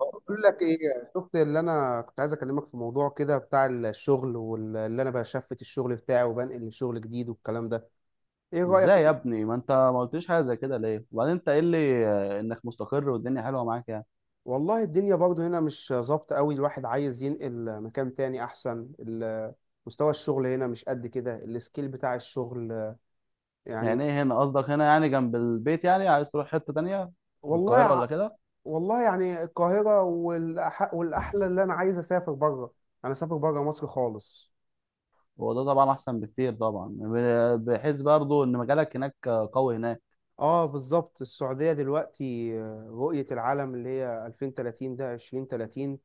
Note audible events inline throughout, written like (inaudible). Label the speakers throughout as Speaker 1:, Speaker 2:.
Speaker 1: بقول لك ايه. شفت اللي انا كنت عايز اكلمك في موضوع كده بتاع الشغل، واللي انا بشفت الشغل بتاعي وبنقل لشغل جديد والكلام ده. ايه
Speaker 2: ازاي
Speaker 1: رايك
Speaker 2: يا
Speaker 1: إيه؟
Speaker 2: ابني؟ ما انت ما قلتليش حاجه زي كده ليه؟ وبعدين انت قايل لي انك مستقر والدنيا حلوه معاك يعني.
Speaker 1: والله الدنيا برضو هنا مش ظابطه قوي، الواحد عايز ينقل مكان تاني احسن مستوى الشغل هنا مش قد كده، السكيل بتاع الشغل يعني.
Speaker 2: يعني ايه هنا؟ قصدك هنا يعني جنب البيت؟ يعني عايز تروح حته تانية في
Speaker 1: والله
Speaker 2: القاهره ولا
Speaker 1: ع-
Speaker 2: كده؟
Speaker 1: والله يعني القاهره، والاحلى اللي انا عايز اسافر بره. انا اسافر بره مصر خالص.
Speaker 2: هو ده طبعا احسن بكتير طبعا، بحيث برضو ان مجالك هناك قوي هناك.
Speaker 1: اه بالظبط، السعودية دلوقتي رؤية العالم اللي هي 2030، ده 2030.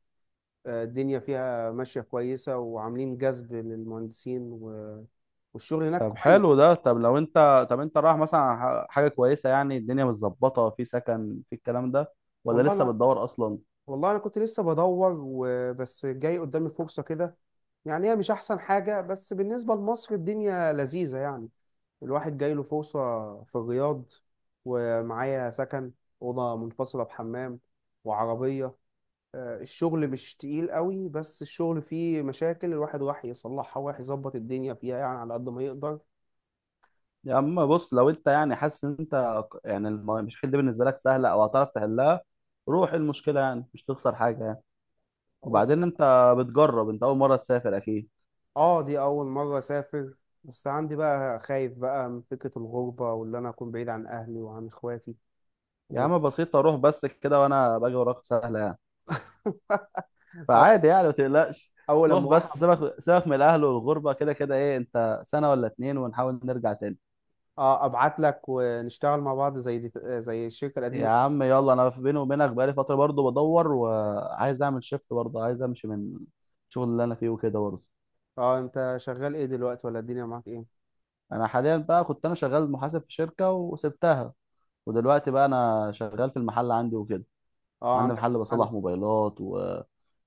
Speaker 1: الدنيا فيها ماشية كويسة وعاملين جذب للمهندسين والشغل هناك
Speaker 2: طب حلو
Speaker 1: كويس.
Speaker 2: ده. طب انت رايح مثلا على حاجه كويسه، يعني الدنيا متظبطه في سكن في الكلام ده ولا
Speaker 1: والله
Speaker 2: لسه
Speaker 1: انا
Speaker 2: بتدور اصلا؟
Speaker 1: والله انا كنت لسه بدور، وبس جاي قدامي فرصة كده. يعني هي مش احسن حاجة، بس بالنسبة لمصر الدنيا لذيذة يعني. الواحد جاي له فرصة في الرياض، ومعايا سكن، أوضة منفصلة بحمام، وعربية. الشغل مش تقيل قوي، بس الشغل فيه مشاكل الواحد راح يصلحها وراح يظبط الدنيا فيها يعني على قد ما يقدر.
Speaker 2: يا اما بص، لو انت يعني حاسس ان انت يعني المشاكل دي بالنسبه لك سهله او هتعرف تحلها، روح. المشكله يعني مش تخسر حاجه يعني.
Speaker 1: أول-
Speaker 2: وبعدين انت بتجرب، انت اول مره تسافر اكيد.
Speaker 1: اه، دي اول مرة اسافر. بس عندي بقى خايف بقى من فكرة الغربة، واللي انا اكون بعيد عن اهلي وعن اخواتي
Speaker 2: يا
Speaker 1: و-
Speaker 2: عم بسيطه، روح بس كده وانا باجي وراك، سهله يعني.
Speaker 1: (laughs)
Speaker 2: فعادي
Speaker 1: أو-
Speaker 2: يعني ما تقلقش.
Speaker 1: اول
Speaker 2: روح
Speaker 1: لما اروح
Speaker 2: بس، سيبك سيبك من الاهل والغربه. كده كده ايه، انت سنه ولا اتنين ونحاول نرجع تاني.
Speaker 1: ابعت لك ونشتغل مع بعض زي دي، زي الشركة
Speaker 2: يا
Speaker 1: القديمة.
Speaker 2: عم يلا، انا بيني وبينك بقالي فتره برضه بدور وعايز اعمل شيفت برضه، عايز امشي من الشغل اللي انا فيه وكده برضه.
Speaker 1: اه، انت شغال ايه دلوقتي ولا الدنيا معاك ايه؟
Speaker 2: انا حاليا بقى كنت انا شغال محاسب في شركه وسبتها، ودلوقتي بقى انا شغال في المحل عندي وكده.
Speaker 1: اه،
Speaker 2: عندي
Speaker 1: عندك
Speaker 2: محل
Speaker 1: محل.
Speaker 2: بصلح موبايلات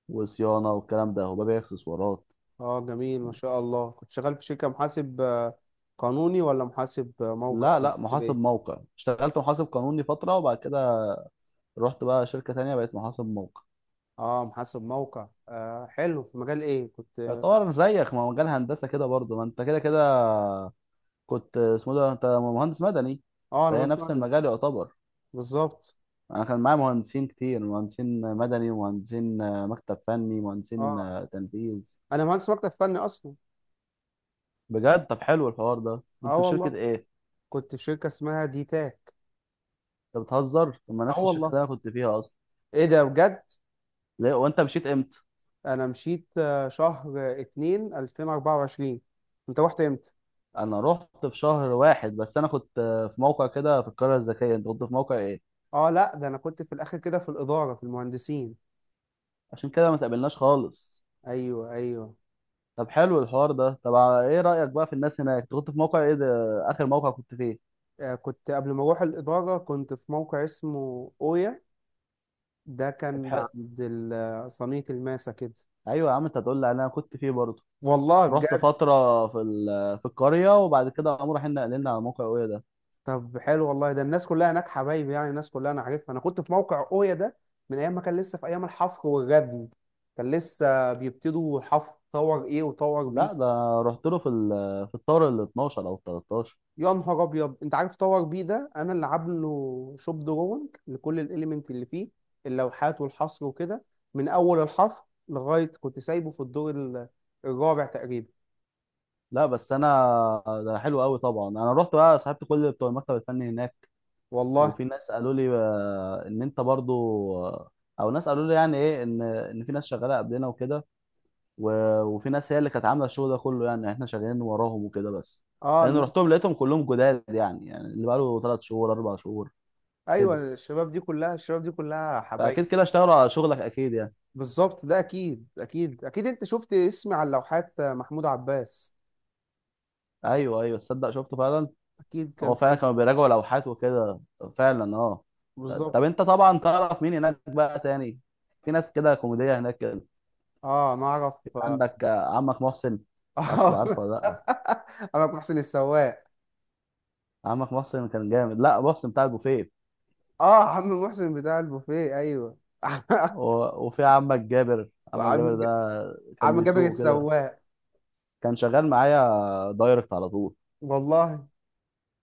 Speaker 2: وصيانه والكلام ده، وببيع اكسسوارات.
Speaker 1: اه جميل، ما شاء الله. كنت شغال في شركة محاسب قانوني، ولا محاسب موقع،
Speaker 2: لا
Speaker 1: ولا
Speaker 2: لا،
Speaker 1: محاسب
Speaker 2: محاسب
Speaker 1: ايه؟
Speaker 2: موقع. اشتغلت محاسب قانوني فتره وبعد كده رحت بقى شركه تانية بقيت محاسب موقع.
Speaker 1: اه، محاسب موقع. آه حلو، في مجال ايه كنت؟
Speaker 2: يعتبر زيك، ما هو مجال هندسه كده برضه. ما انت كده كده كنت اسمه ده، انت مهندس مدني،
Speaker 1: اه، انا
Speaker 2: فهي
Speaker 1: مهندس
Speaker 2: نفس
Speaker 1: مدني.
Speaker 2: المجال يعتبر.
Speaker 1: بالظبط.
Speaker 2: انا كان معايا مهندسين كتير، مهندسين مدني ومهندسين مكتب فني، مهندسين
Speaker 1: اه،
Speaker 2: تنفيذ.
Speaker 1: انا مهندس مكتب فني اصلا.
Speaker 2: بجد؟ طب حلو الحوار ده. كنت
Speaker 1: اه
Speaker 2: في شركة
Speaker 1: والله،
Speaker 2: ايه؟
Speaker 1: كنت في شركة اسمها دي تاك.
Speaker 2: انت بتهزر؟ طب ما
Speaker 1: اه
Speaker 2: نفس الشركة
Speaker 1: والله،
Speaker 2: اللي انا كنت فيها اصلا!
Speaker 1: ايه ده بجد؟
Speaker 2: ليه؟ وانت مشيت امتى؟
Speaker 1: انا مشيت شهر 2 2024. انت رحت امتى؟
Speaker 2: انا رحت في شهر واحد، بس انا كنت في موقع كده في القرية الذكية. انت كنت في موقع ايه؟
Speaker 1: اه لا، ده انا كنت في الاخر كده في الإدارة في المهندسين.
Speaker 2: عشان كده ما تقابلناش خالص.
Speaker 1: ايوه ايوه.
Speaker 2: طب حلو الحوار ده. طب ايه رأيك بقى في الناس هناك؟ انت كنت في موقع ايه ده، اخر موقع كنت فيه؟
Speaker 1: كنت قبل ما اروح الاداره كنت في موقع اسمه اويا. ده
Speaker 2: طب
Speaker 1: كان
Speaker 2: حلو.
Speaker 1: عند صينيه الماسه كده.
Speaker 2: ايوه يا عم، انت هتقول لي انا كنت فيه برضه.
Speaker 1: والله
Speaker 2: رحت
Speaker 1: بجد.
Speaker 2: فترة في في القرية، وبعد كده قاموا رايحين نقلنا على موقع ايه ده.
Speaker 1: طب حلو والله، ده الناس كلها هناك حبايبي يعني، الناس كلها انا عارفها. انا كنت في موقع اويا ده من ايام ما كان لسه في ايام الحفر والردم. كان لسه بيبتدوا الحفر، طور ايه وطور
Speaker 2: لا
Speaker 1: بي.
Speaker 2: ده، رحت له في في الطور ال 12 او ال 13.
Speaker 1: يا نهار ابيض! انت عارف باور بي ده انا اللي عامله شوب دروينج لكل الاليمنت اللي فيه، اللوحات والحصر وكده، من اول الحفر لغايه كنت سايبه في الدور الرابع تقريبا.
Speaker 2: لا بس انا، ده حلو قوي طبعا. انا رحت بقى صاحبت كل بتوع المكتب الفني هناك.
Speaker 1: والله.
Speaker 2: وفي ناس قالوا لي ان انت برضو، آه، او ناس قالوا لي يعني ايه، ان في ناس شغاله قبلنا وكده. وفي ناس هي اللي كانت عامله الشغل ده كله، يعني احنا شغالين وراهم وكده بس.
Speaker 1: اه
Speaker 2: لان
Speaker 1: الناس.
Speaker 2: رحتهم لقيتهم كلهم جداد يعني اللي بقاله 3 شهور 4 شهور
Speaker 1: ايوه،
Speaker 2: كده.
Speaker 1: الشباب دي كلها الشباب دي كلها حبايب.
Speaker 2: فاكيد كده اشتغلوا على شغلك اكيد يعني.
Speaker 1: بالظبط، ده اكيد اكيد اكيد. انت شفت اسمي على اللوحات، محمود عباس.
Speaker 2: ايوه ايوه، تصدق شفته فعلا.
Speaker 1: اكيد كان
Speaker 2: هو
Speaker 1: في
Speaker 2: فعلا
Speaker 1: قلبك.
Speaker 2: كانوا بيراجعوا لوحات وكده. فعلا اه. طب
Speaker 1: بالظبط.
Speaker 2: انت طبعا تعرف مين هناك بقى تاني؟ في ناس كده كوميدية هناك كده.
Speaker 1: اه، انا اعرف. اه.
Speaker 2: عندك عمك محسن، ما اعرفش عارفه ولا لا.
Speaker 1: (laughs) انا محسن السواق.
Speaker 2: عمك محسن كان جامد، لا محسن بتاع البوفيه.
Speaker 1: اه، عم محسن بتاع البوفيه، ايوه. (laughs)
Speaker 2: وفي عمك جابر، عمك
Speaker 1: وعم
Speaker 2: جابر ده
Speaker 1: ج-
Speaker 2: كان
Speaker 1: عم جابر
Speaker 2: بيسوق كده،
Speaker 1: السواق.
Speaker 2: كان شغال معايا دايركت على طول.
Speaker 1: والله.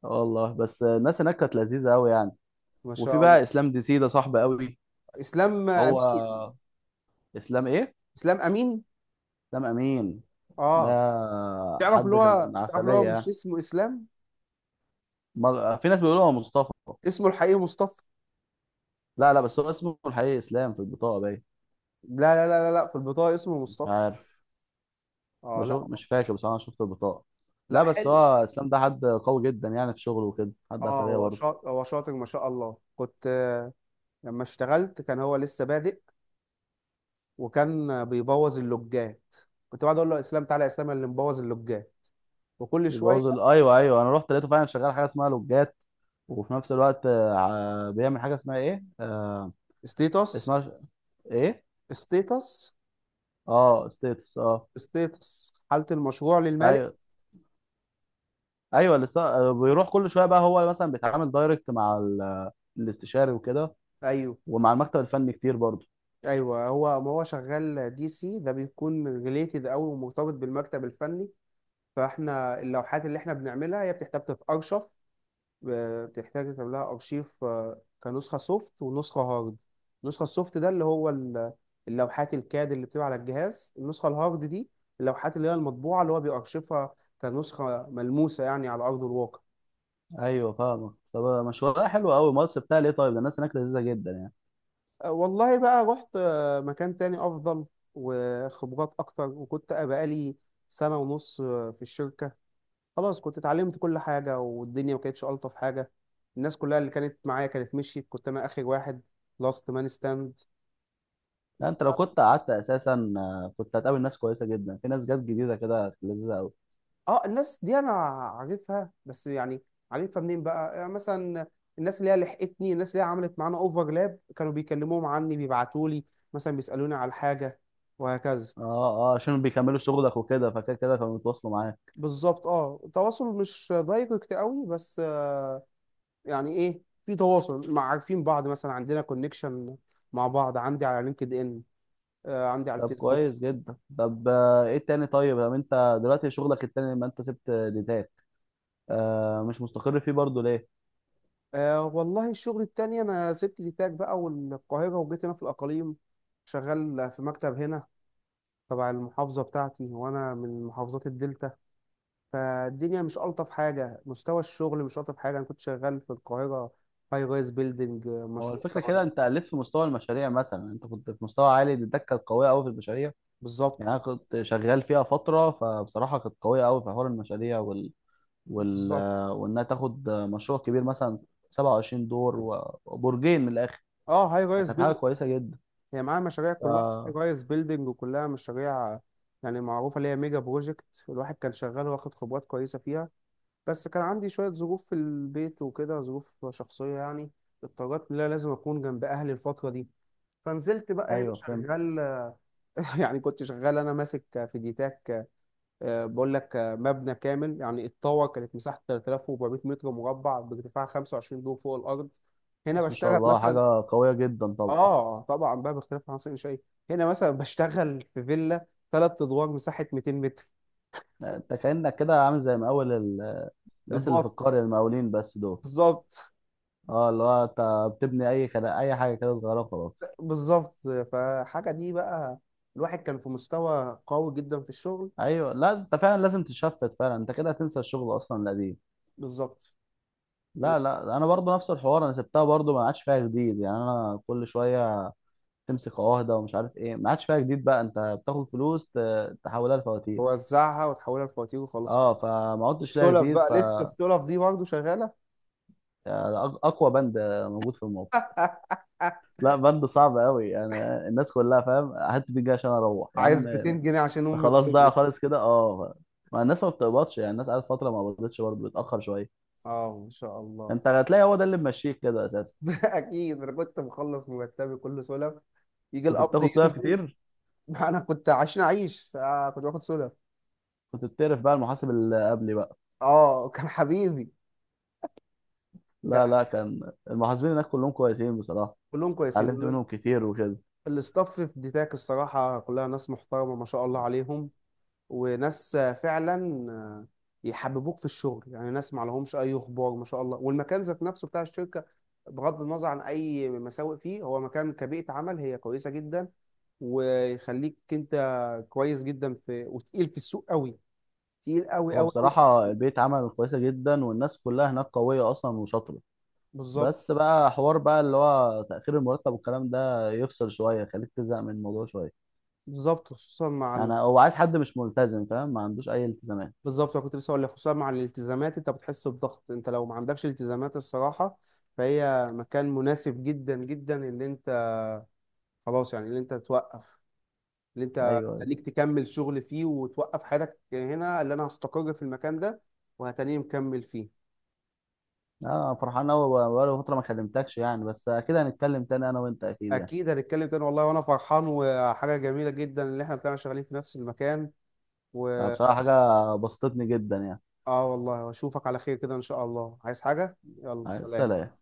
Speaker 2: آه والله، بس الناس هناك كانت لذيذة قوي يعني.
Speaker 1: ما
Speaker 2: وفي
Speaker 1: شاء الله.
Speaker 2: بقى اسلام ديسي، ده صاحبي قوي.
Speaker 1: اسلام
Speaker 2: هو
Speaker 1: امين.
Speaker 2: اسلام ايه؟
Speaker 1: اسلام امين.
Speaker 2: اسلام امين؟ ده
Speaker 1: اه. تعرف
Speaker 2: حد
Speaker 1: اللي
Speaker 2: كان
Speaker 1: هو تعرف اللي هو مش
Speaker 2: عسلية.
Speaker 1: اسمه اسلام.
Speaker 2: في ناس بيقولوا هو مصطفى.
Speaker 1: اسمه الحقيقي مصطفى.
Speaker 2: لا لا، بس هو اسمه الحقيقي اسلام، في البطاقة باين.
Speaker 1: لا لا لا لا لا، في البطاقه اسمه
Speaker 2: مش
Speaker 1: مصطفى.
Speaker 2: عارف،
Speaker 1: اه لا.
Speaker 2: بشوف. مش فاكر، بس انا شفت البطاقة. لا
Speaker 1: لا
Speaker 2: بس
Speaker 1: حلو.
Speaker 2: هو اسلام ده حد قوي جدا يعني في شغله وكده، حد
Speaker 1: اه،
Speaker 2: عسلية
Speaker 1: هو
Speaker 2: برضه.
Speaker 1: شاطر هو شاطر، ما شاء الله. كنت لما اشتغلت كان هو لسه بادئ، وكان بيبوظ اللوجات. كنت بقعد اقول له، يا اسلام تعالى، يا اسلام اللي مبوظ اللوجات، وكل شويه.
Speaker 2: ايوه ايوه، انا رحت لقيته فعلا شغال حاجة اسمها لوجات. وفي نفس الوقت بيعمل حاجة اسمها ايه،
Speaker 1: ستيتس.
Speaker 2: اسمها ايه؟
Speaker 1: ستيتس.
Speaker 2: اه ستيتس، اه.
Speaker 1: ستيتس، حالة المشروع للمالك.
Speaker 2: ايوه ايوه. بيروح كل شويه بقى هو مثلا بيتعامل دايركت مع الاستشاري وكده.
Speaker 1: ايوه
Speaker 2: ومع المكتب الفني كتير برضه.
Speaker 1: ايوه. هو ما هو شغال دي سي، ده بيكون ريليتد قوي ومرتبط بالمكتب الفني. فاحنا اللوحات اللي احنا بنعملها هي بتحتاج تتأرشف، بتحتاج يتعمل لها ارشيف، كنسخة سوفت ونسخة هارد. النسخة السوفت ده اللي هو اللوحات الكاد اللي بتبقى على الجهاز. النسخة الهارد دي اللوحات اللي هي المطبوعة اللي هو بيأرشفها، كنسخة ملموسة يعني على أرض الواقع.
Speaker 2: ايوه فاهمك. طب مشوارها حلو قوي مصر بتاع ليه، طيب، ده الناس هناك لذيذه جدا يعني.
Speaker 1: والله بقى، رحت مكان تاني افضل، وخبرات اكتر، وكنت بقالي سنة ونص في الشركة. خلاص، كنت اتعلمت كل حاجة، والدنيا ما كانتش الطف حاجة. الناس كلها اللي كانت معايا كانت مشيت، كنت انا اخر واحد، لاست مان ستاند.
Speaker 2: لا انت لو
Speaker 1: اه،
Speaker 2: كنت قعدت اساسا كنت هتقابل ناس كويسه جدا، في ناس جت جديده كده لذيذه قوي.
Speaker 1: الناس دي انا عارفها، بس يعني عارفها منين بقى يعني، مثلا الناس اللي هي لحقتني، الناس اللي هي عملت معانا اوفرلاب، كانوا بيكلموهم عني، بيبعتوا لي مثلا بيسالوني على حاجه، وهكذا.
Speaker 2: اه اه، عشان بيكملوا شغلك وكده، فكده كده كانوا بيتواصلوا معاك.
Speaker 1: بالظبط. اه، تواصل مش دايركت قوي، بس يعني ايه، في تواصل، مع عارفين بعض مثلا، عندنا كونكشن مع بعض، عندي على لينكد ان، آه عندي على
Speaker 2: طب
Speaker 1: الفيسبوك.
Speaker 2: كويس جدا. طب ايه التاني طيب؟ طب انت دلوقتي شغلك التاني لما انت سبت ديتاك مش مستقر فيه برضه ليه؟
Speaker 1: آه والله، الشغل التاني انا سبت دي تاج بقى والقاهرة وجيت هنا في الاقاليم، شغال في مكتب هنا تبع المحافظة بتاعتي، وانا من محافظات الدلتا. فالدنيا مش الطف حاجة، مستوى الشغل مش الطف حاجة. انا كنت شغال في القاهرة، هاي رايز بيلدينج،
Speaker 2: هو
Speaker 1: مشروع
Speaker 2: الفكره كده،
Speaker 1: طبعاً.
Speaker 2: انت قلت في مستوى المشاريع مثلا، انت كنت في مستوى عالي. ديتاك كانت قويه قوي في المشاريع. يعني انا
Speaker 1: بالظبط.
Speaker 2: كنت شغال فيها فتره، فبصراحه كانت قويه قوي في حوار المشاريع وال...
Speaker 1: بالظبط.
Speaker 2: وانها تاخد مشروع كبير مثلا 27 دور وبرجين من الاخر،
Speaker 1: اه هاي رايز.
Speaker 2: فكانت حاجه كويسه جدا.
Speaker 1: هي معاها مشاريع
Speaker 2: ف...
Speaker 1: كلها جايز بيلدينج، وكلها مشاريع يعني معروفة، اللي هي ميجا بروجكت. الواحد كان شغال واخد خبرات كويسة فيها، بس كان عندي شوية ظروف في البيت وكده، ظروف شخصية يعني. اضطريت إن أنا لازم أكون جنب أهلي الفترة دي، فنزلت بقى هنا
Speaker 2: ايوه فهمت.
Speaker 1: شغال. (laughs) يعني كنت شغال أنا ماسك فيديتاك بقول لك مبنى كامل يعني الطاوة كانت مساحته 3400 متر مربع بارتفاع 25 دور فوق الأرض. هنا
Speaker 2: بس ما شاء
Speaker 1: بشتغل
Speaker 2: الله،
Speaker 1: مثلا.
Speaker 2: حاجه قويه جدا طبعا.
Speaker 1: اه طبعا بقى، باختلاف العناصر شيء. هنا مثلا بشتغل في فيلا 3 ادوار، مساحه 200 متر.
Speaker 2: انت كانك كده عامل زي مقاول الناس اللي في
Speaker 1: البقط.
Speaker 2: القريه، المقاولين بس دول.
Speaker 1: بالظبط.
Speaker 2: اه، اللي هو انت بتبني اي كده، اي حاجه كده صغيره وخلاص.
Speaker 1: بالظبط، فحاجه دي بقى، الواحد كان في مستوى قوي جدا في الشغل.
Speaker 2: ايوه. لا انت فعلا لازم تشفت فعلا، انت كده هتنسى الشغل اصلا القديم.
Speaker 1: بالظبط،
Speaker 2: لا لا، انا برضو نفس الحوار، انا سبتها برضو ما عادش فيها جديد يعني. انا كل شويه تمسك عهده ومش عارف ايه، ما عادش فيها جديد بقى. انت بتاخد فلوس تحولها لفواتير.
Speaker 1: ووزعها وتحولها لفواتير وخلاص كده.
Speaker 2: اه فما عدتش لها
Speaker 1: السلف
Speaker 2: جديد.
Speaker 1: بقى، لسه السلف دي برضه شغاله.
Speaker 2: يعني اقوى بند موجود في الموقع.
Speaker 1: (laughs)
Speaker 2: لا بند صعب قوي يعني. الناس كلها فاهم، هات دي جاي عشان اروح يا
Speaker 1: عايز
Speaker 2: عم أنت!
Speaker 1: 200 جنيه عشان امي
Speaker 2: خلاص ضايع
Speaker 1: بتولد.
Speaker 2: خالص كده. اه، ما الناس ما بتقبضش يعني، الناس قعدت فتره ما قبضتش، برضه بتاخر شويه.
Speaker 1: اه، ما شاء الله.
Speaker 2: انت هتلاقي هو ده اللي ممشيك كده اساسا.
Speaker 1: (laughs) اكيد انا كنت مخلص مرتبي كله سلف، يجي
Speaker 2: كنت
Speaker 1: القبض
Speaker 2: بتاخد صيف
Speaker 1: ينزل.
Speaker 2: كتير؟
Speaker 1: (laughs) انا كنت عشان اعيش كنت باخد سودا.
Speaker 2: كنت بتعرف بقى المحاسب اللي قبلي بقى؟
Speaker 1: اه، كان حبيبي. كان
Speaker 2: لا
Speaker 1: ح-
Speaker 2: لا، كان المحاسبين هناك كلهم كويسين بصراحة.
Speaker 1: كلهم كويسين
Speaker 2: اتعلمت منهم كتير وكده.
Speaker 1: الاستاف في ديتاك الصراحه كلها ناس محترمه، ما شاء الله عليهم. وناس فعلا يحببوك في الشغل، يعني ناس ما لهمش اي اخبار، ما شاء الله. والمكان ذات نفسه بتاع الشركه، بغض النظر عن اي مساوئ فيه، هو مكان كبيئه عمل هي كويسه جدا، ويخليك انت كويس جدا، في وتقيل في السوق قوي، تقيل قوي
Speaker 2: هو
Speaker 1: قوي قوي في
Speaker 2: بصراحة
Speaker 1: السوق.
Speaker 2: البيت عمل كويسة جدا، والناس كلها هناك قوية أصلا وشاطرة.
Speaker 1: بالظبط.
Speaker 2: بس بقى حوار بقى اللي هو تأخير المرتب والكلام ده يفصل شوية، يخليك تزهق من الموضوع شوية.
Speaker 1: بالظبط، خصوصا مع.
Speaker 2: يعني هو عايز حد مش ملتزم، فاهم، ما عندوش أي التزامات.
Speaker 1: بالظبط، انا كنت لسه هقول لك، خصوصا مع الالتزامات انت بتحس بضغط. انت لو ما عندكش التزامات الصراحه، فهي مكان مناسب جدا جدا، اللي انت خلاص يعني، اللي انت توقف، اللي
Speaker 2: أيوه
Speaker 1: انت
Speaker 2: أيوه،
Speaker 1: خليك تكمل شغل فيه، وتوقف حياتك هنا، اللي انا هستقر في المكان ده، وهتاني مكمل فيه.
Speaker 2: أنا فرحان أوي. بقالي فترة ما كلمتكش يعني، بس أكيد هنتكلم تاني أنا وأنت أكيد يعني.
Speaker 1: اكيد هنتكلم تاني والله، وانا فرحان، وحاجه جميله جدا اللي احنا طلعنا شغالين في نفس المكان. و...
Speaker 2: بصراحة حاجة بسطتني جدا
Speaker 1: اه والله، واشوفك على خير كده ان شاء الله. عايز حاجه؟ يلا
Speaker 2: يعني.
Speaker 1: سلام.
Speaker 2: سلام.